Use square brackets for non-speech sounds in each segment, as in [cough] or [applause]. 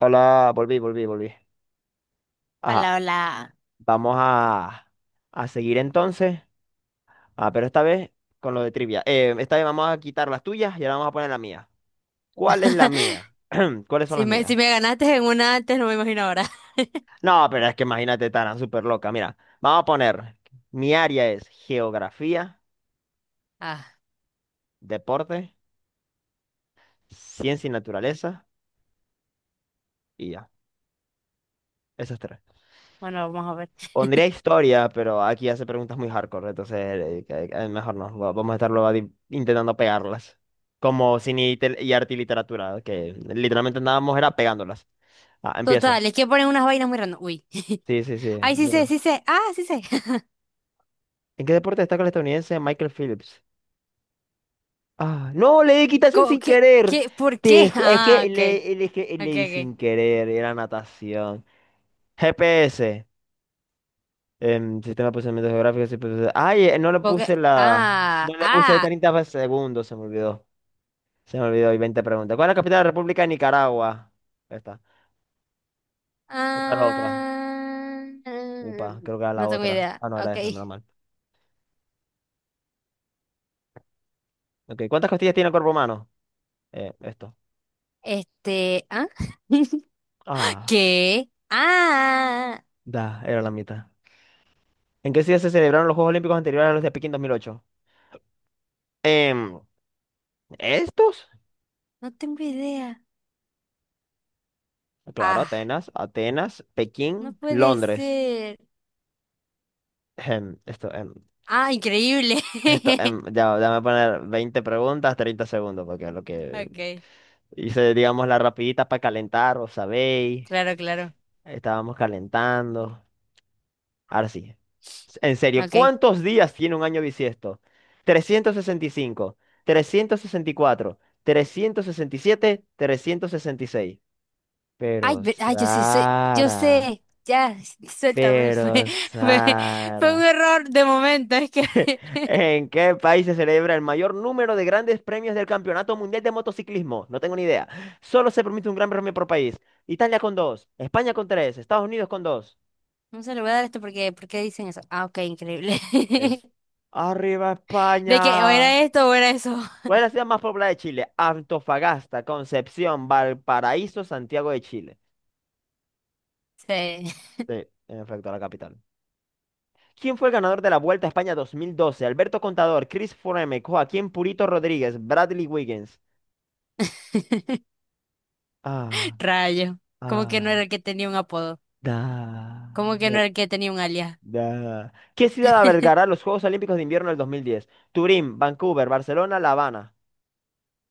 Hola, volví, volví, volví. Ajá, Hola, hola. vamos a seguir entonces. Ah, pero esta vez con lo de trivia. Esta vez vamos a quitar las tuyas y ahora vamos a poner la mía. ¿Cuál es la [laughs] mía? [clears throat] ¿Cuáles son Si las me, si mías? me ganaste en una antes, no me imagino ahora. [laughs] No, pero es que imagínate, tan súper loca. Mira, vamos a poner, mi área es geografía, Ah, deporte, ciencia y naturaleza y ya. Esas tres. bueno, vamos a ver. Pondría [laughs] historia, pero aquí hace preguntas muy hardcore, entonces que mejor no. Vamos a estar luego intentando pegarlas. Como cine y arte y literatura, que literalmente andábamos era pegándolas. Ah, empiezo. Total, es que ponen unas vainas muy random. Uy. [laughs] Sí, sí, sí. Ay, sí sé, Burro. sí sé. Ah, sí sé. [laughs] ¿En qué deporte destaca el estadounidense Michael Phillips? Ah, no, le di equitación ¿Cómo? sin ¿Qué? querer. ¿Qué? ¿Por Te qué? [laughs] ju- es que Ah, ok. le- es que le Ok, di ok. sin querer, era natación. GPS, sistema de posicionamiento geográfico. Sí, pues, ay, no le Supongo que... puse la. Ah, No le puse ah. 30 segundos, se me olvidó. Se me olvidó, y 20 preguntas. ¿Cuál es la capital de la República de Nicaragua? Esta. ¿Cuál era la otra? Ah. Upa, creo que era la No tengo otra. idea. Ah, no, era Ok. esa, menos mal. Ok, ¿cuántas costillas tiene el cuerpo humano? Esto. Este... ¿Ah? [laughs] Ah, ¿Qué? Ah. da, era la mitad. ¿En qué ciudad se celebraron los Juegos Olímpicos anteriores a los de Pekín 2008? Em, ¿Estos? No tengo idea. Claro, Ah, Atenas, Atenas, no Pekín, puede Londres. ser. Em, esto, em, Ah, increíble. esto, em, [laughs] ya, déjame poner 20 preguntas, 30 segundos, porque lo que Okay, hice, digamos, la rapidita para calentar, ¿os sabéis? claro, claro. Estábamos calentando. Ahora sí. En serio, Okay. ¿cuántos días tiene un año bisiesto? Trescientos sesenta y cinco, cuatro, siete, 366. Ay, Pero ve- ay, yo sí sé, yo Sara, sé. Ya, [laughs] suéltame. Pero fue, fue un Sara, error de momento. Es que [laughs] ¿en qué país se celebra el mayor número de grandes premios del Campeonato Mundial de Motociclismo? No tengo ni idea. Solo se permite un gran premio por país. Italia con dos, España con tres, Estados Unidos con dos. no se lo voy a dar esto porque, ¿por qué dicen eso? Ah, okay, increíble. Eso. [laughs] Arriba De que o España. era esto o era eso. ¿Cuál es la ciudad más poblada de Chile? Antofagasta, Concepción, Valparaíso, Santiago de Chile. Sí. Sí, en efecto, la capital. ¿Quién fue el ganador de la Vuelta a España 2012? Alberto Contador, Chris Froome, Joaquín Purito Rodríguez, Bradley Wiggins. [laughs] Ah, Rayo. Como que no ah, era el que tenía un apodo. da, Como que no da, era el que tenía un alias. da. ¿Qué ciudad albergará [laughs] los Juegos Olímpicos de Invierno del 2010? Turín, Vancouver, Barcelona, La Habana.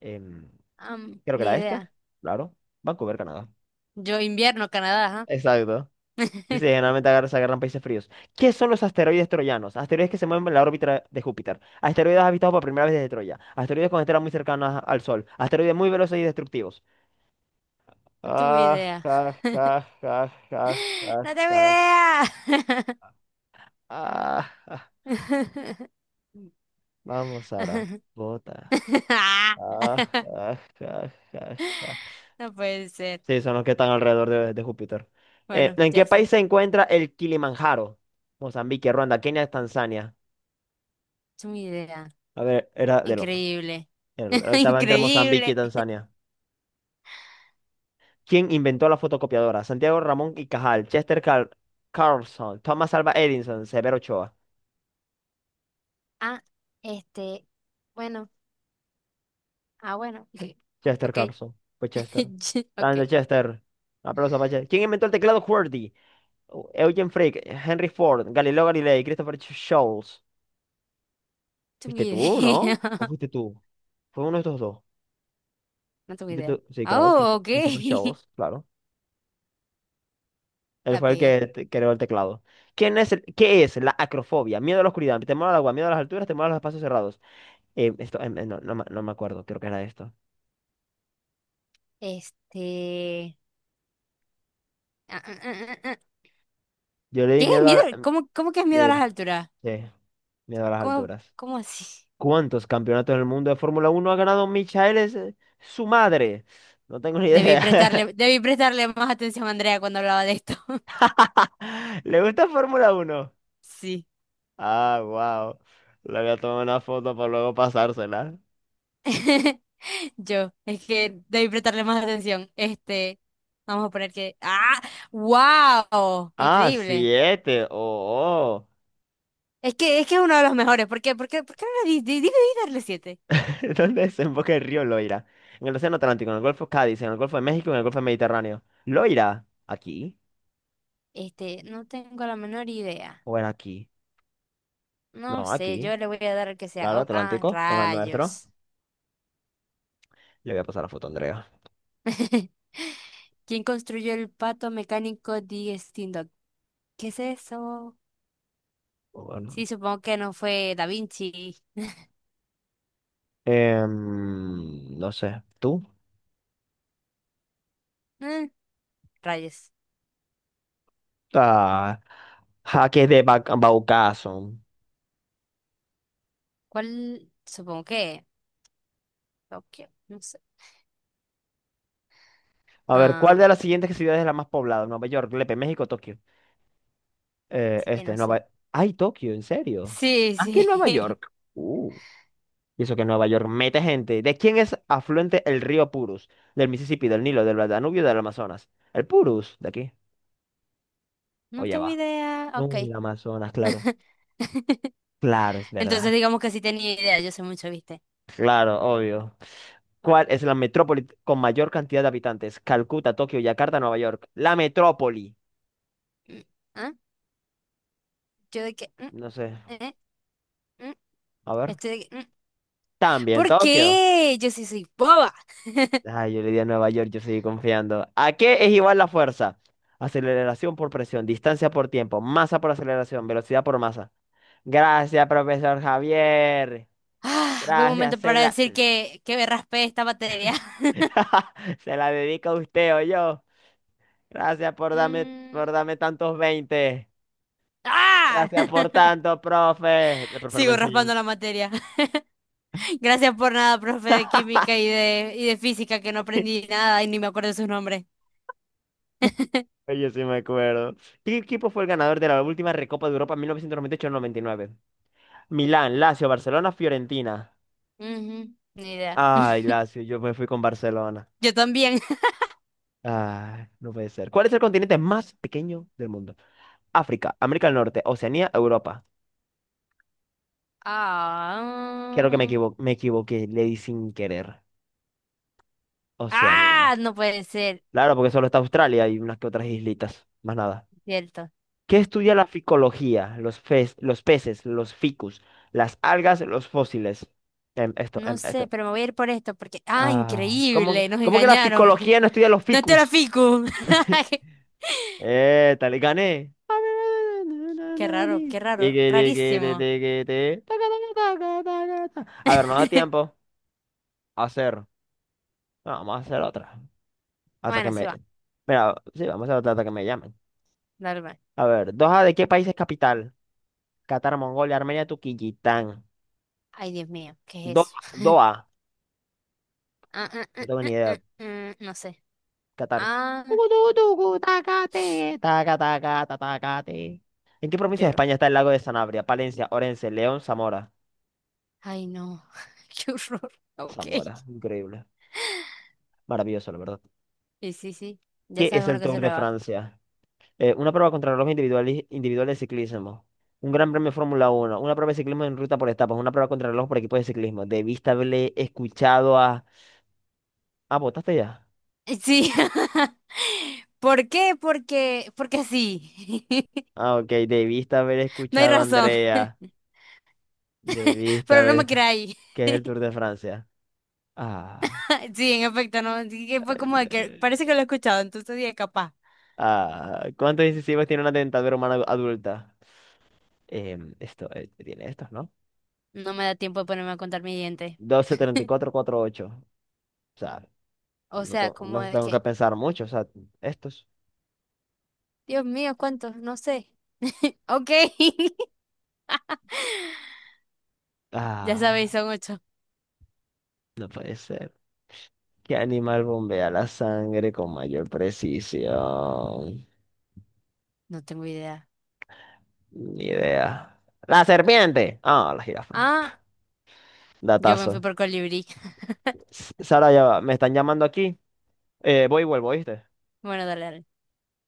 Em, Creo que ni era este. idea. Claro. Vancouver, Canadá. Yo invierno, Canadá, Exacto. ¿ah? Dice, [laughs] generalmente se agarran países fríos. ¿Qué son los asteroides troyanos? Asteroides que se mueven en la órbita de Júpiter. Asteroides habitados por primera vez desde Troya. Asteroides con estrellas muy cercanas al Sol. Asteroides muy veloces y destructivos. No tengo Ah, idea. ja, ja, ja, ja, ja, No tengo ja. idea. Ah, ja. [laughs] Vamos, Sara. Bota. Ah, Ah, ja, ja, ja, ja. no puede ser. Sí, son los que están alrededor de Júpiter. Bueno, ¿En qué ya país sé. se encuentra el Kilimanjaro? Mozambique, Ruanda, Kenia, Tanzania. Es una idea. A ver, era del otro. Increíble. En el [laughs] otro estaba entre Mozambique y Increíble. Tanzania. ¿Quién inventó la fotocopiadora? Santiago Ramón y Cajal, Chester Carlson, Thomas Alva Edison, Severo Ochoa. Ah, este. Bueno. Ah, bueno. [laughs] Chester Ok. Carlson. Pues [laughs] Chester. Ch- Ok. Grande Chester. Aplausos para Chester. ¿Quién inventó el teclado QWERTY? Eugen Frick, Henry Ford, Galileo Galilei, Christopher Scholes. Es una ¿Fuiste tú, no? ¿O idea. [laughs] fuiste tú? Fue uno de estos dos. No tengo ¿Fuiste idea. tú? Sí, Ah, claro, oh, ok. Christopher [laughs] Scholes, claro. Él La fue el pegué. que creó el teclado. ¿Qué es la acrofobia? Miedo a la oscuridad, temor al agua, miedo a las alturas, temor a los espacios cerrados. Esto, no, no, me no me acuerdo, creo que era esto. Este. Ah, ah, ah, ah, ah. Yo le di ¿Qué? miedo a, ¿Miedo? ¿Cómo que es miedo a sí, las alturas? sí, miedo a las ¿Cómo, alturas. cómo así? ¿Cuántos campeonatos del mundo de Fórmula uno ha ganado Michael, su madre? No tengo ni Debí idea. prestarle, debí prestarle más atención a Andrea cuando hablaba de esto. [laughs] [laughs] ¿Le gusta Fórmula uno? Sí. Ah, wow. Le voy a tomar una foto para luego pasársela. [laughs] Yo, es que debí prestarle más atención. Este, vamos a poner que. ¡Ah! ¡Wow! Ah, Increíble. siete. Oh, oh. Es que es uno de los mejores. ¿Por qué? ¿Por qué no le di, di- di, di darle siete? [laughs] ¿Dónde desemboca el río Loira? En el Océano Atlántico, en el Golfo Cádiz, en el Golfo de México, en el Golfo Mediterráneo. ¿Loira? ¿Aquí? Este, no tengo la menor idea. ¿O era aquí? No No, sé, aquí. yo le voy a dar el que sea. Claro, Oh, ah, Atlántico, en el nuestro. rayos. Le voy a pasar la foto a Andrea. [laughs] ¿Quién construyó el pato mecánico de Steam Dog? ¿Qué es eso? Bueno. Sí, supongo que no fue Da Vinci. No sé. ¿Tú? Eh, rayos. Ah, jaques de Baucaso. ¿Cuál? Supongo que Tokio, no sé. A ver, ¿cuál Ah, de las siguientes ciudades es la más poblada? Nueva York, Lepe, México, Tokio. Sí, no sé. Nueva... ¡Ay, Tokio! ¿En serio? Sí, ¿Ah, que Nueva sí. York? Y eso que Nueva York mete gente. ¿De quién es afluente el río Purus? Del Mississippi, del Nilo, del Danubio, del Amazonas. El Purus, de aquí. [laughs] O No ya tengo va. idea. No, Ok. el Amazonas, claro. [laughs] Claro, es Entonces verdad. digamos que sí tenía idea, yo sé mucho, ¿viste? Claro, obvio. ¿Cuál es la metrópoli con mayor cantidad de habitantes? Calcuta, Tokio, Yakarta, Nueva York. La metrópoli. Mm, ¿ah? Yo de que... No sé. eh, mm, A ver. estoy de que... También, ¿Por Tokio. qué? Yo sí soy boba. Ay, yo le di a Nueva York, yo seguí confiando. ¿A qué es igual la fuerza? Aceleración por presión, distancia por tiempo, masa por aceleración, velocidad por masa. Gracias, profesor Javier. Ah, buen Gracias, momento se para la, decir que me raspé esta materia. [laughs] [laughs] se la dedico a usted o yo. Gracias por darme, Mm, por darme tantos 20. ¡ah! Gracias por [laughs] tanto, profe. El profe no me Sigo enseñó raspando un... la materia. [laughs] Gracias por nada, profe de química y de física, que no [laughs] aprendí nada y ni me acuerdo de sus nombres. Oye, sí me acuerdo. ¿Qué equipo fue el ganador de la última Recopa de Europa en mil novecientos noventa y ocho noventa y nueve? Milán, Lazio, Barcelona, Fiorentina. Ujú, ni idea. Ay, Lazio, yo me fui con Barcelona. Yo también. [laughs] Ay, no puede ser. ¿Cuál es el continente más pequeño del mundo? África, América del Norte, Oceanía, Europa. Creo que Ah, me equivoqué, le di sin querer. Oceanía. ah, no puede ser, Claro, porque solo está Australia y unas que otras islitas. Más nada. cierto. ¿Qué estudia la ficología? Los peces, los ficus, las algas, los fósiles. Esto, No sé, esto. pero me voy a ir por esto porque, ah, Ah, increíble, nos cómo que la engañaron. [laughs] ficología no estudia los No te la ficus? fico. [laughs] [laughs] Tal, gané. Qué raro, Tiqui, tiqui, ti, rarísimo. tiqui, ti. Taca, taca, taca, taca, taca. A ver, no da tiempo [laughs] a hacer. No, vamos a hacer otra. Hasta que Bueno, sí me. va, Mira, sí, vamos a hacer otra hasta que me llamen. dale, va. A ver, Doha, ¿de qué país es capital? Qatar, Mongolia, Armenia, Turquistán. Ay, Dios mío, ¿qué es Doha, eso? Doha. Ah, ah, ah, No tengo ah, ni ah, idea. ah, no sé. Qatar. Ah, Tucu, tucu, tucu, tacate, taca, taca, ta, tacate. ¿En qué provincia de lloro. España está el lago de Sanabria? Palencia, Orense, León, Zamora. Ay, no. [laughs] Qué horror. Ok. Zamora, increíble. Maravilloso, la verdad. Sí, sí, sí. Ya ¿Qué sabes es una el cosa Tour de nueva. Francia? Una prueba contra reloj individual, individual de ciclismo. Un gran premio de Fórmula Uno. Una prueba de ciclismo en ruta por etapas. Una prueba contra reloj por equipos de ciclismo. Debiste haberle escuchado a... Ah, ¿votaste ya? Sí. [laughs] ¿Por qué? Porque, porque sí. [laughs] Ah, ok. Debiste haber No hay escuchado a razón. Andrea. [laughs] Debiste Pero no me haber... creáis. ¿Qué es el Tour de Francia? Ah. [laughs] Sí, en efecto, no. Sí que fue como de que El- parece que lo he escuchado, entonces dije capaz. Ah, ¿cuántos incisivos tiene una dentadura humana adulta? Esto, tiene estos, ¿no? No me da tiempo de ponerme a contar mis dientes. 12, 34, ocho. O sea, O no, sea, como no de tengo que que, pensar mucho, o sea, estos. Dios mío, ¿cuántos? No sé. [laughs] Ok. [laughs] Ya sabéis, Ah, son ocho. no puede ser. ¿Qué animal bombea la sangre con mayor precisión? No tengo idea. Ni idea. ¡La serpiente! Ah, la jirafa. Ah, yo me fui Datazo. por colibrí. Sara, ya va, me están llamando aquí. Voy y vuelvo, ¿oíste? [laughs] Bueno, dale, dale.